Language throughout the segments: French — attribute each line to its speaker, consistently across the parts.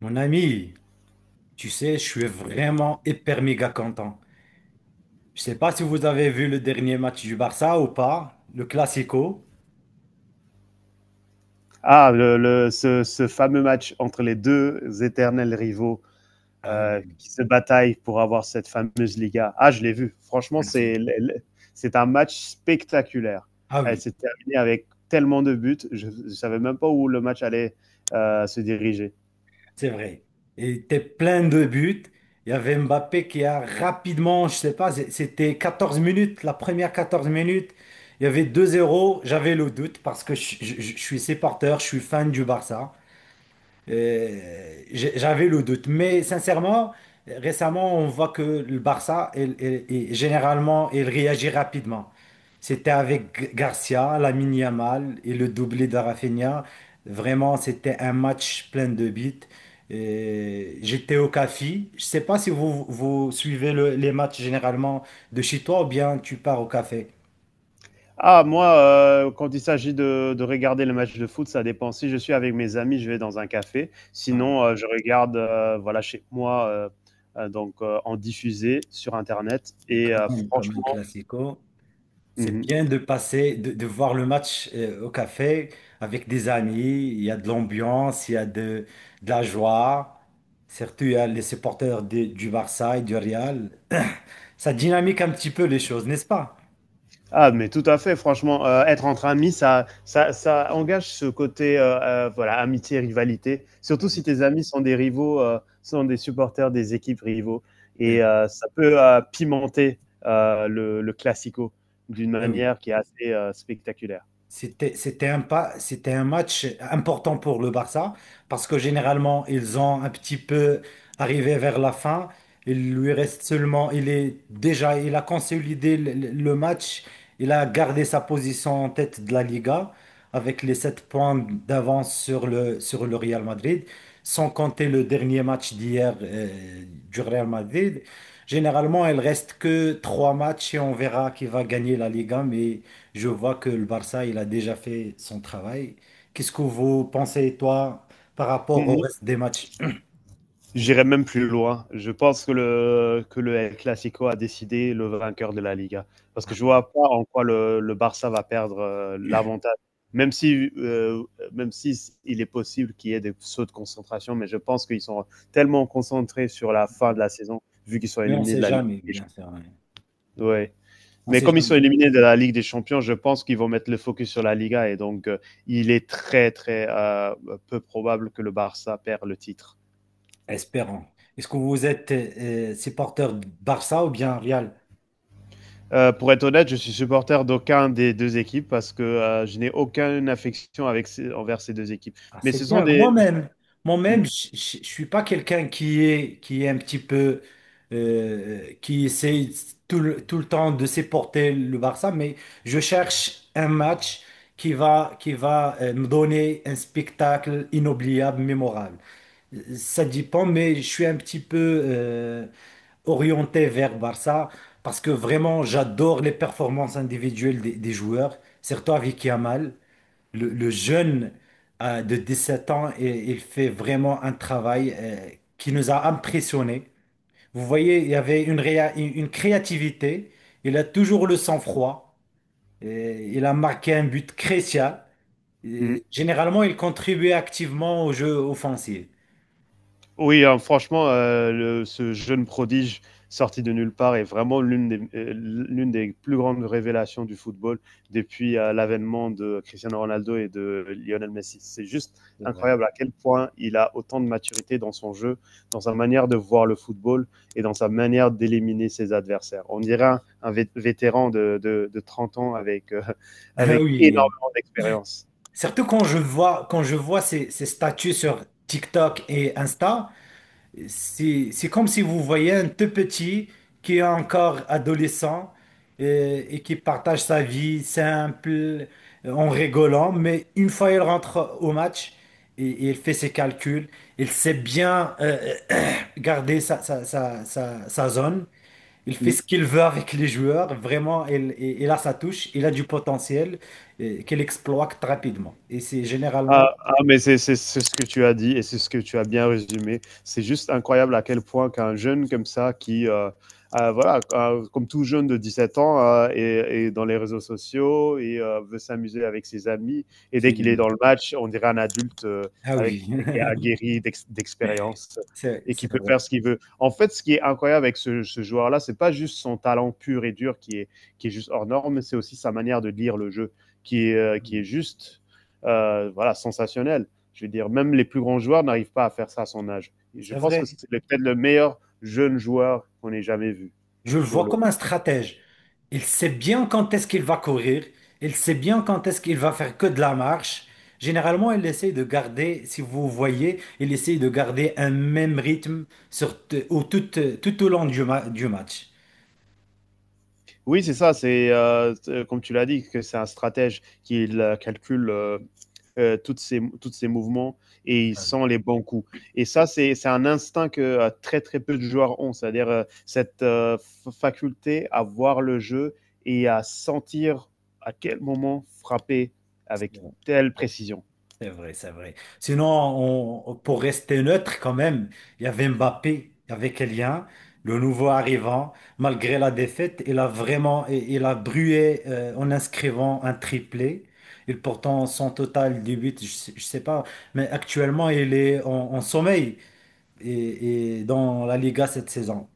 Speaker 1: Mon ami, tu sais, je suis vraiment hyper méga content. Je sais pas si vous avez vu le dernier match du Barça ou pas, le Classico.
Speaker 2: Ce fameux match entre les deux éternels rivaux
Speaker 1: Ah oui,
Speaker 2: qui se bataillent pour avoir cette fameuse Liga. Ah, je l'ai vu. Franchement,
Speaker 1: merci.
Speaker 2: c'est un match spectaculaire.
Speaker 1: Ah
Speaker 2: Elle
Speaker 1: oui,
Speaker 2: s'est terminée avec tellement de buts. Je ne savais même pas où le match allait se diriger.
Speaker 1: c'est vrai. Et était plein de buts. Il y avait Mbappé qui a rapidement, je sais pas, c'était 14 minutes, la première 14 minutes. Il y avait 2-0. J'avais le doute parce que je suis supporter, je suis fan du Barça. J'avais le doute. Mais sincèrement, récemment, on voit que le Barça, généralement, il réagit rapidement. C'était avec Garcia, Lamine Yamal et le doublé de Rafinha. Vraiment, c'était un match plein de buts. J'étais au café. Je sais pas si vous, vous suivez les matchs généralement de chez toi ou bien tu pars au café.
Speaker 2: Ah, moi, quand il s'agit de regarder le match de foot, ça dépend. Si je suis avec mes amis, je vais dans un café.
Speaker 1: Ah,
Speaker 2: Sinon, je regarde, voilà, chez moi, en diffusé sur internet
Speaker 1: mais
Speaker 2: et
Speaker 1: quand même, comme un
Speaker 2: franchement
Speaker 1: classico. C'est
Speaker 2: mmh.
Speaker 1: bien de passer, de voir le match au café avec des amis. Il y a de l'ambiance, il y a de la joie. Surtout, il y a les supporters du Barça et du Real. Ça dynamique un petit peu les choses, n'est-ce pas?
Speaker 2: Ah, mais tout à fait, franchement, être entre amis, ça engage ce côté voilà, amitié, rivalité,
Speaker 1: Ah
Speaker 2: surtout si
Speaker 1: oui.
Speaker 2: tes amis sont des rivaux, sont des supporters des équipes rivaux et ça peut, pimenter, le classico d'une
Speaker 1: Ah oui.
Speaker 2: manière qui est assez, spectaculaire.
Speaker 1: C'était, c'était un pas, c'était un match important pour le Barça parce que généralement ils ont un petit peu arrivé vers la fin. Il lui reste seulement, il est déjà, il a consolidé le, le match. Il a gardé sa position en tête de la Liga avec les 7 points d'avance sur le Real Madrid, sans compter le dernier match d'hier du Real Madrid. Généralement, il reste que 3 matchs et on verra qui va gagner la Liga, mais je vois que le Barça, il a déjà fait son travail. Qu'est-ce que vous pensez, toi, par rapport au reste des matchs?
Speaker 2: J'irai même plus loin. Je pense que le El Clasico a décidé le vainqueur de la Liga. Parce que
Speaker 1: Ah
Speaker 2: je
Speaker 1: oui.
Speaker 2: vois pas en quoi le Barça va perdre l'avantage. Même si, il est possible qu'il y ait des sauts de concentration, mais je pense qu'ils sont tellement concentrés sur la fin de la saison, vu qu'ils sont
Speaker 1: Mais on ne
Speaker 2: éliminés de
Speaker 1: sait
Speaker 2: la Ligue
Speaker 1: jamais,
Speaker 2: des
Speaker 1: bien sûr. Ouais.
Speaker 2: Champions. Ouais.
Speaker 1: On ne
Speaker 2: Mais
Speaker 1: sait
Speaker 2: comme ils
Speaker 1: jamais.
Speaker 2: sont éliminés de la Ligue des Champions, je pense qu'ils vont mettre le focus sur la Liga et donc il est très peu probable que le Barça perd le titre.
Speaker 1: Espérons. Est-ce que vous êtes supporter de Barça ou bien Real?
Speaker 2: Pour être honnête, je suis supporter d'aucun des deux équipes parce que je n'ai aucune affection avec envers ces deux équipes.
Speaker 1: Ah,
Speaker 2: Mais
Speaker 1: c'est
Speaker 2: ce sont
Speaker 1: bien.
Speaker 2: des.
Speaker 1: Moi-même,
Speaker 2: Mm,
Speaker 1: moi-même, je ne suis pas quelqu'un qui est, qui essaye tout le temps de supporter le Barça, mais je cherche un match qui va me donner un spectacle inoubliable, mémorable. Ça dépend, mais je suis un petit peu orienté vers Barça parce que vraiment, j'adore les performances individuelles des joueurs, surtout avec Yamal. Le jeune de 7 ans, il fait vraiment un travail qui nous a impressionnés. Vous voyez, il y avait une, réa- une créativité. Il a toujours le sang-froid. Et il a marqué un but crucial.
Speaker 2: mm.
Speaker 1: Et généralement, il contribuait activement au jeu offensif.
Speaker 2: Oui, hein, franchement, le ce jeune prodige sorti de nulle part est vraiment l'une des plus grandes révélations du football depuis, l'avènement de Cristiano Ronaldo et de Lionel Messi. C'est juste
Speaker 1: C'est vrai.
Speaker 2: incroyable à quel point il a autant de maturité dans son jeu, dans sa manière de voir le football et dans sa manière d'éliminer ses adversaires. On dirait un vétéran de 30 ans avec,
Speaker 1: Ah
Speaker 2: avec
Speaker 1: oui,
Speaker 2: énormément d'expérience.
Speaker 1: surtout quand je vois, quand je vois ces statuts sur TikTok et Insta. C'est comme si vous voyez un tout petit qui est encore adolescent et, qui partage sa vie simple en rigolant, mais une fois il rentre au match et il fait ses calculs, il sait bien garder sa zone, il fait
Speaker 2: Mmh.
Speaker 1: ce qu'il veut avec les joueurs, vraiment il a sa touche, il a du potentiel qu'il exploite rapidement. Et c'est généralement...
Speaker 2: Mais c'est ce que tu as dit et c'est ce que tu as bien résumé. C'est juste incroyable à quel point qu'un jeune comme ça, qui, voilà, ah, comme tout jeune de 17 ans, ah, est dans les réseaux sociaux et veut s'amuser avec ses amis. Et dès
Speaker 1: c'est-
Speaker 2: qu'il est dans le match, on dirait un adulte
Speaker 1: Ah oui,
Speaker 2: avec, qui est aguerri d'expérience
Speaker 1: c'est
Speaker 2: et qui
Speaker 1: c'est
Speaker 2: peut faire
Speaker 1: vrai.
Speaker 2: ce qu'il veut. En fait, ce qui est incroyable avec ce joueur-là, c'est pas juste son talent pur et dur qui est juste hors norme, mais c'est aussi sa manière de lire le jeu qui est juste voilà, sensationnel. Je veux dire, même les plus grands joueurs n'arrivent pas à faire ça à son âge. Et je
Speaker 1: C'est
Speaker 2: pense que
Speaker 1: vrai.
Speaker 2: c'est peut-être le meilleur jeune joueur qu'on ait jamais vu.
Speaker 1: Je le
Speaker 2: Sur
Speaker 1: vois
Speaker 2: le…
Speaker 1: comme un stratège. Il sait bien quand est-ce qu'il va courir, il sait bien quand est-ce qu'il va faire que de la marche. Généralement, il essaye de garder, si vous voyez, il essaye de garder un même rythme sur, t- au, tout, tout au long du match.
Speaker 2: Oui, c'est ça, c'est comme tu l'as dit, que c'est un stratège qui calcule tous ses mouvements et il sent les bons coups. Et ça, c'est un instinct que très peu de joueurs ont, c'est-à-dire cette faculté à voir le jeu et à sentir à quel moment frapper avec telle précision.
Speaker 1: C'est vrai, c'est vrai. Sinon, pour rester neutre quand même, il y avait Mbappé, il y avait Kylian, le nouveau arrivant. Malgré la défaite, il a brûlé en inscrivant un triplé. Et pourtant, son total de buts, je sais pas, mais actuellement, il est en sommeil et dans la Liga cette saison.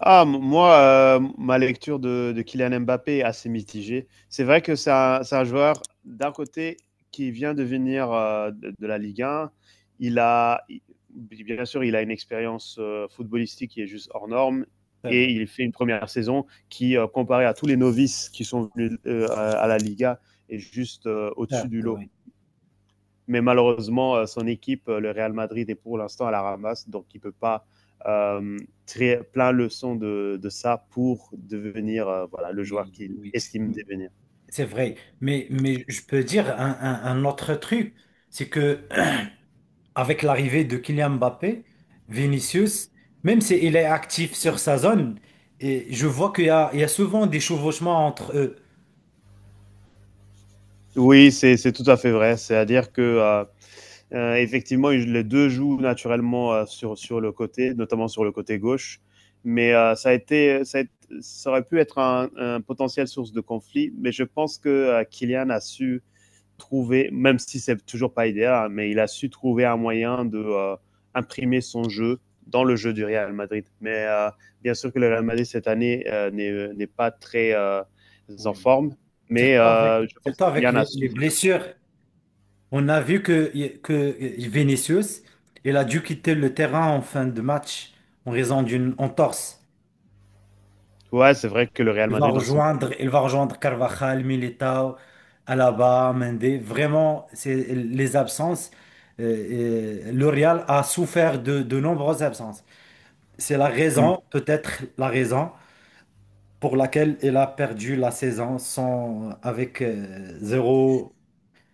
Speaker 2: Ah, moi, ma lecture de Kylian Mbappé est assez mitigée. C'est vrai que c'est un joueur, d'un côté, qui vient de venir de la Ligue 1. Il a, il- Bien sûr, il a une expérience footballistique qui est juste hors norme.
Speaker 1: C'est vrai.
Speaker 2: Et il fait une première saison qui, comparée à tous les novices qui sont venus à la Liga, est juste au-dessus du
Speaker 1: Certes,
Speaker 2: lot.
Speaker 1: oui,
Speaker 2: Mais malheureusement, son équipe, le Real Madrid, est pour l'instant à la ramasse, donc il ne peut pas euh, très, plein leçon de ça pour devenir voilà, le joueur
Speaker 1: oui,
Speaker 2: qu'il
Speaker 1: oui.
Speaker 2: estime
Speaker 1: Mais-
Speaker 2: devenir.
Speaker 1: C'est vrai. Mais je peux dire un autre truc, c'est que avec l'arrivée de Kylian Mbappé, Vinicius, même s'il est actif sur sa zone, et je vois qu'il y a souvent des chevauchements entre eux.
Speaker 2: Oui, c'est tout à fait vrai. C'est-à-dire que effectivement, les deux jouent naturellement sur le côté, notamment sur le côté gauche. Mais ça, a été, ça aurait pu être un potentiel source de conflit. Mais je pense que Kylian a su trouver, même si c'est toujours pas idéal, hein, mais il a su trouver un moyen de imprimer son jeu dans le jeu du Real Madrid. Mais bien sûr que le Real Madrid cette année n'est pas très en
Speaker 1: Oui.
Speaker 2: forme, mais
Speaker 1: surtout avec,
Speaker 2: je pense
Speaker 1: surtout
Speaker 2: que
Speaker 1: avec
Speaker 2: Kylian a
Speaker 1: les,
Speaker 2: su.
Speaker 1: les
Speaker 2: Ça.
Speaker 1: blessures. On a vu que Vinicius, il a dû quitter le terrain en fin de match en raison d'une entorse.
Speaker 2: Ouais, c'est vrai que le Real
Speaker 1: Il va
Speaker 2: Madrid en ce moment.
Speaker 1: rejoindre, il va rejoindre Carvajal, Militao, Alaba, Mendy. Vraiment, c'est les absences. Le Real a souffert de nombreuses absences. C'est la raison, peut-être la raison pour laquelle il a perdu la saison sans, avec zéro,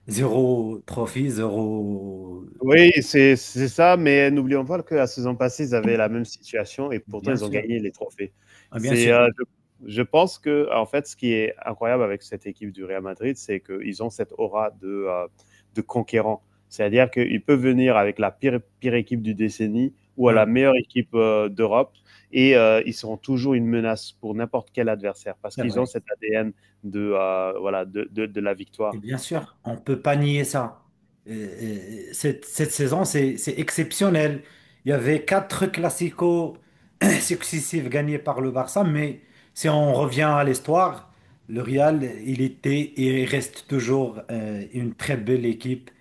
Speaker 1: zéro trophée, zéro.
Speaker 2: Oui, c'est ça, mais n'oublions pas que la saison passée, ils avaient la même situation et pourtant
Speaker 1: Bien
Speaker 2: ils ont
Speaker 1: sûr,
Speaker 2: gagné les trophées.
Speaker 1: ah, bien
Speaker 2: C'est,
Speaker 1: sûr,
Speaker 2: Je pense qu'en fait, ce qui est incroyable avec cette équipe du Real Madrid, c'est qu'ils ont cette aura de conquérant. C'est-à-dire qu'ils peuvent venir avec la pire équipe du décennie ou à
Speaker 1: ah,
Speaker 2: la
Speaker 1: oui,
Speaker 2: meilleure équipe, d'Europe et ils seront toujours une menace pour n'importe quel adversaire parce
Speaker 1: c'est
Speaker 2: qu'ils ont
Speaker 1: vrai.
Speaker 2: cet ADN de, voilà, de la
Speaker 1: Et
Speaker 2: victoire.
Speaker 1: bien sûr, on ne peut pas nier ça. Cette saison, c'est exceptionnel. Il y avait 4 classicos successifs gagnés par le Barça, mais si on revient à l'histoire, le Real, il était et il reste toujours une très belle équipe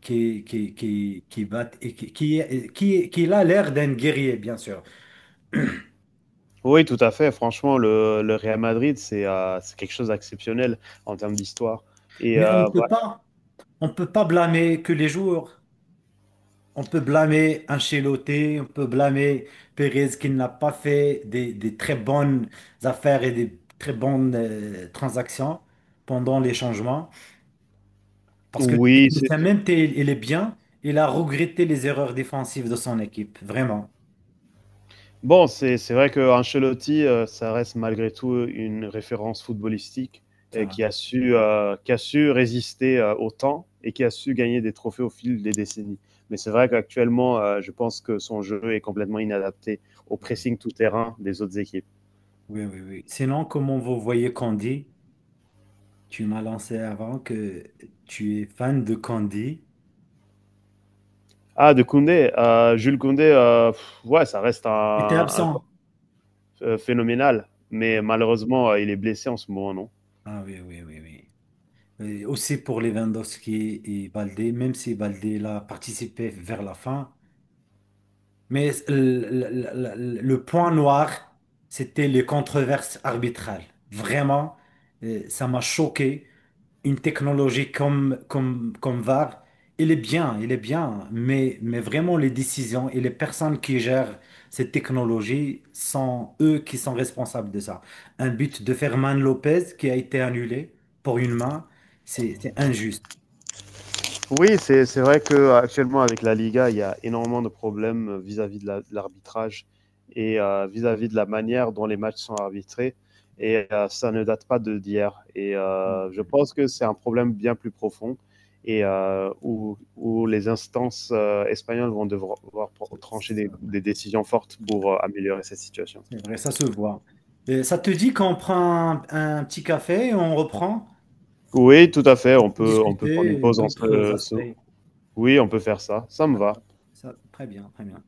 Speaker 1: qui va, et qui a l'air d'un guerrier, bien sûr.
Speaker 2: Oui, tout à fait. Franchement, le Real Madrid, c'est quelque chose d'exceptionnel en termes d'histoire et
Speaker 1: Mais on peut
Speaker 2: voilà.
Speaker 1: pas, on peut pas blâmer que les joueurs. On peut blâmer Ancelotti, on peut blâmer Pérez qui n'a pas fait des très bonnes affaires et des très bonnes transactions pendant les changements. Parce que le
Speaker 2: Oui, c'est
Speaker 1: technicien, même s'il il est bien, il a regretté les erreurs défensives de son équipe, vraiment.
Speaker 2: bon, c'est vrai qu'Ancelotti, ça reste malgré tout, une référence footballistique
Speaker 1: C'est
Speaker 2: et
Speaker 1: vrai.
Speaker 2: qui a su résister, au temps et qui a su gagner des trophées au fil des décennies. Mais c'est vrai qu'actuellement, je pense que son jeu est complètement inadapté au pressing tout terrain des autres équipes.
Speaker 1: Oui, oui, oui. Sinon, comment vous voyez Candy? Tu m'as lancé avant que tu es fan de Candy.
Speaker 2: Ah de Koundé, Jules Koundé, ouais, ça reste
Speaker 1: J'étais
Speaker 2: un
Speaker 1: absent.
Speaker 2: phénoménal. Mais
Speaker 1: Ah
Speaker 2: malheureusement, il est blessé en ce moment, non.
Speaker 1: ah oui, oui, oui, oui. Et aussi pour Lewandowski et Baldé, même si Baldé l'a participé vers la fin. Mais le, le point noir, c'était les controverses arbitrales. Vraiment, ça m'a choqué. Une technologie comme VAR, il est bien, mais, vraiment les décisions et les personnes qui gèrent cette technologie sont eux qui sont responsables de ça. Un but de Ferman Lopez qui a été annulé pour une main, c'est injuste.
Speaker 2: Oui, c'est vrai que actuellement avec la Liga, il y a énormément de problèmes vis-à-vis de l'arbitrage et vis-à-vis de la manière dont les matchs sont arbitrés. Et ça ne date pas de d'hier. Et
Speaker 1: C'est
Speaker 2: je pense que c'est un problème bien plus profond et où les instances espagnoles vont devoir
Speaker 1: vrai,
Speaker 2: trancher
Speaker 1: c'est
Speaker 2: des décisions fortes pour
Speaker 1: vrai,
Speaker 2: améliorer cette situation.
Speaker 1: c'est vrai, ça se voit. Et ça te dit qu'on prend un petit café, et on reprend,
Speaker 2: Oui, tout à fait.
Speaker 1: on peut
Speaker 2: On peut prendre une
Speaker 1: discuter
Speaker 2: pause en
Speaker 1: d'autres
Speaker 2: ce-
Speaker 1: aspects.
Speaker 2: Oui, on peut faire ça. Ça me va.
Speaker 1: D'accord, ça, très bien, très bien.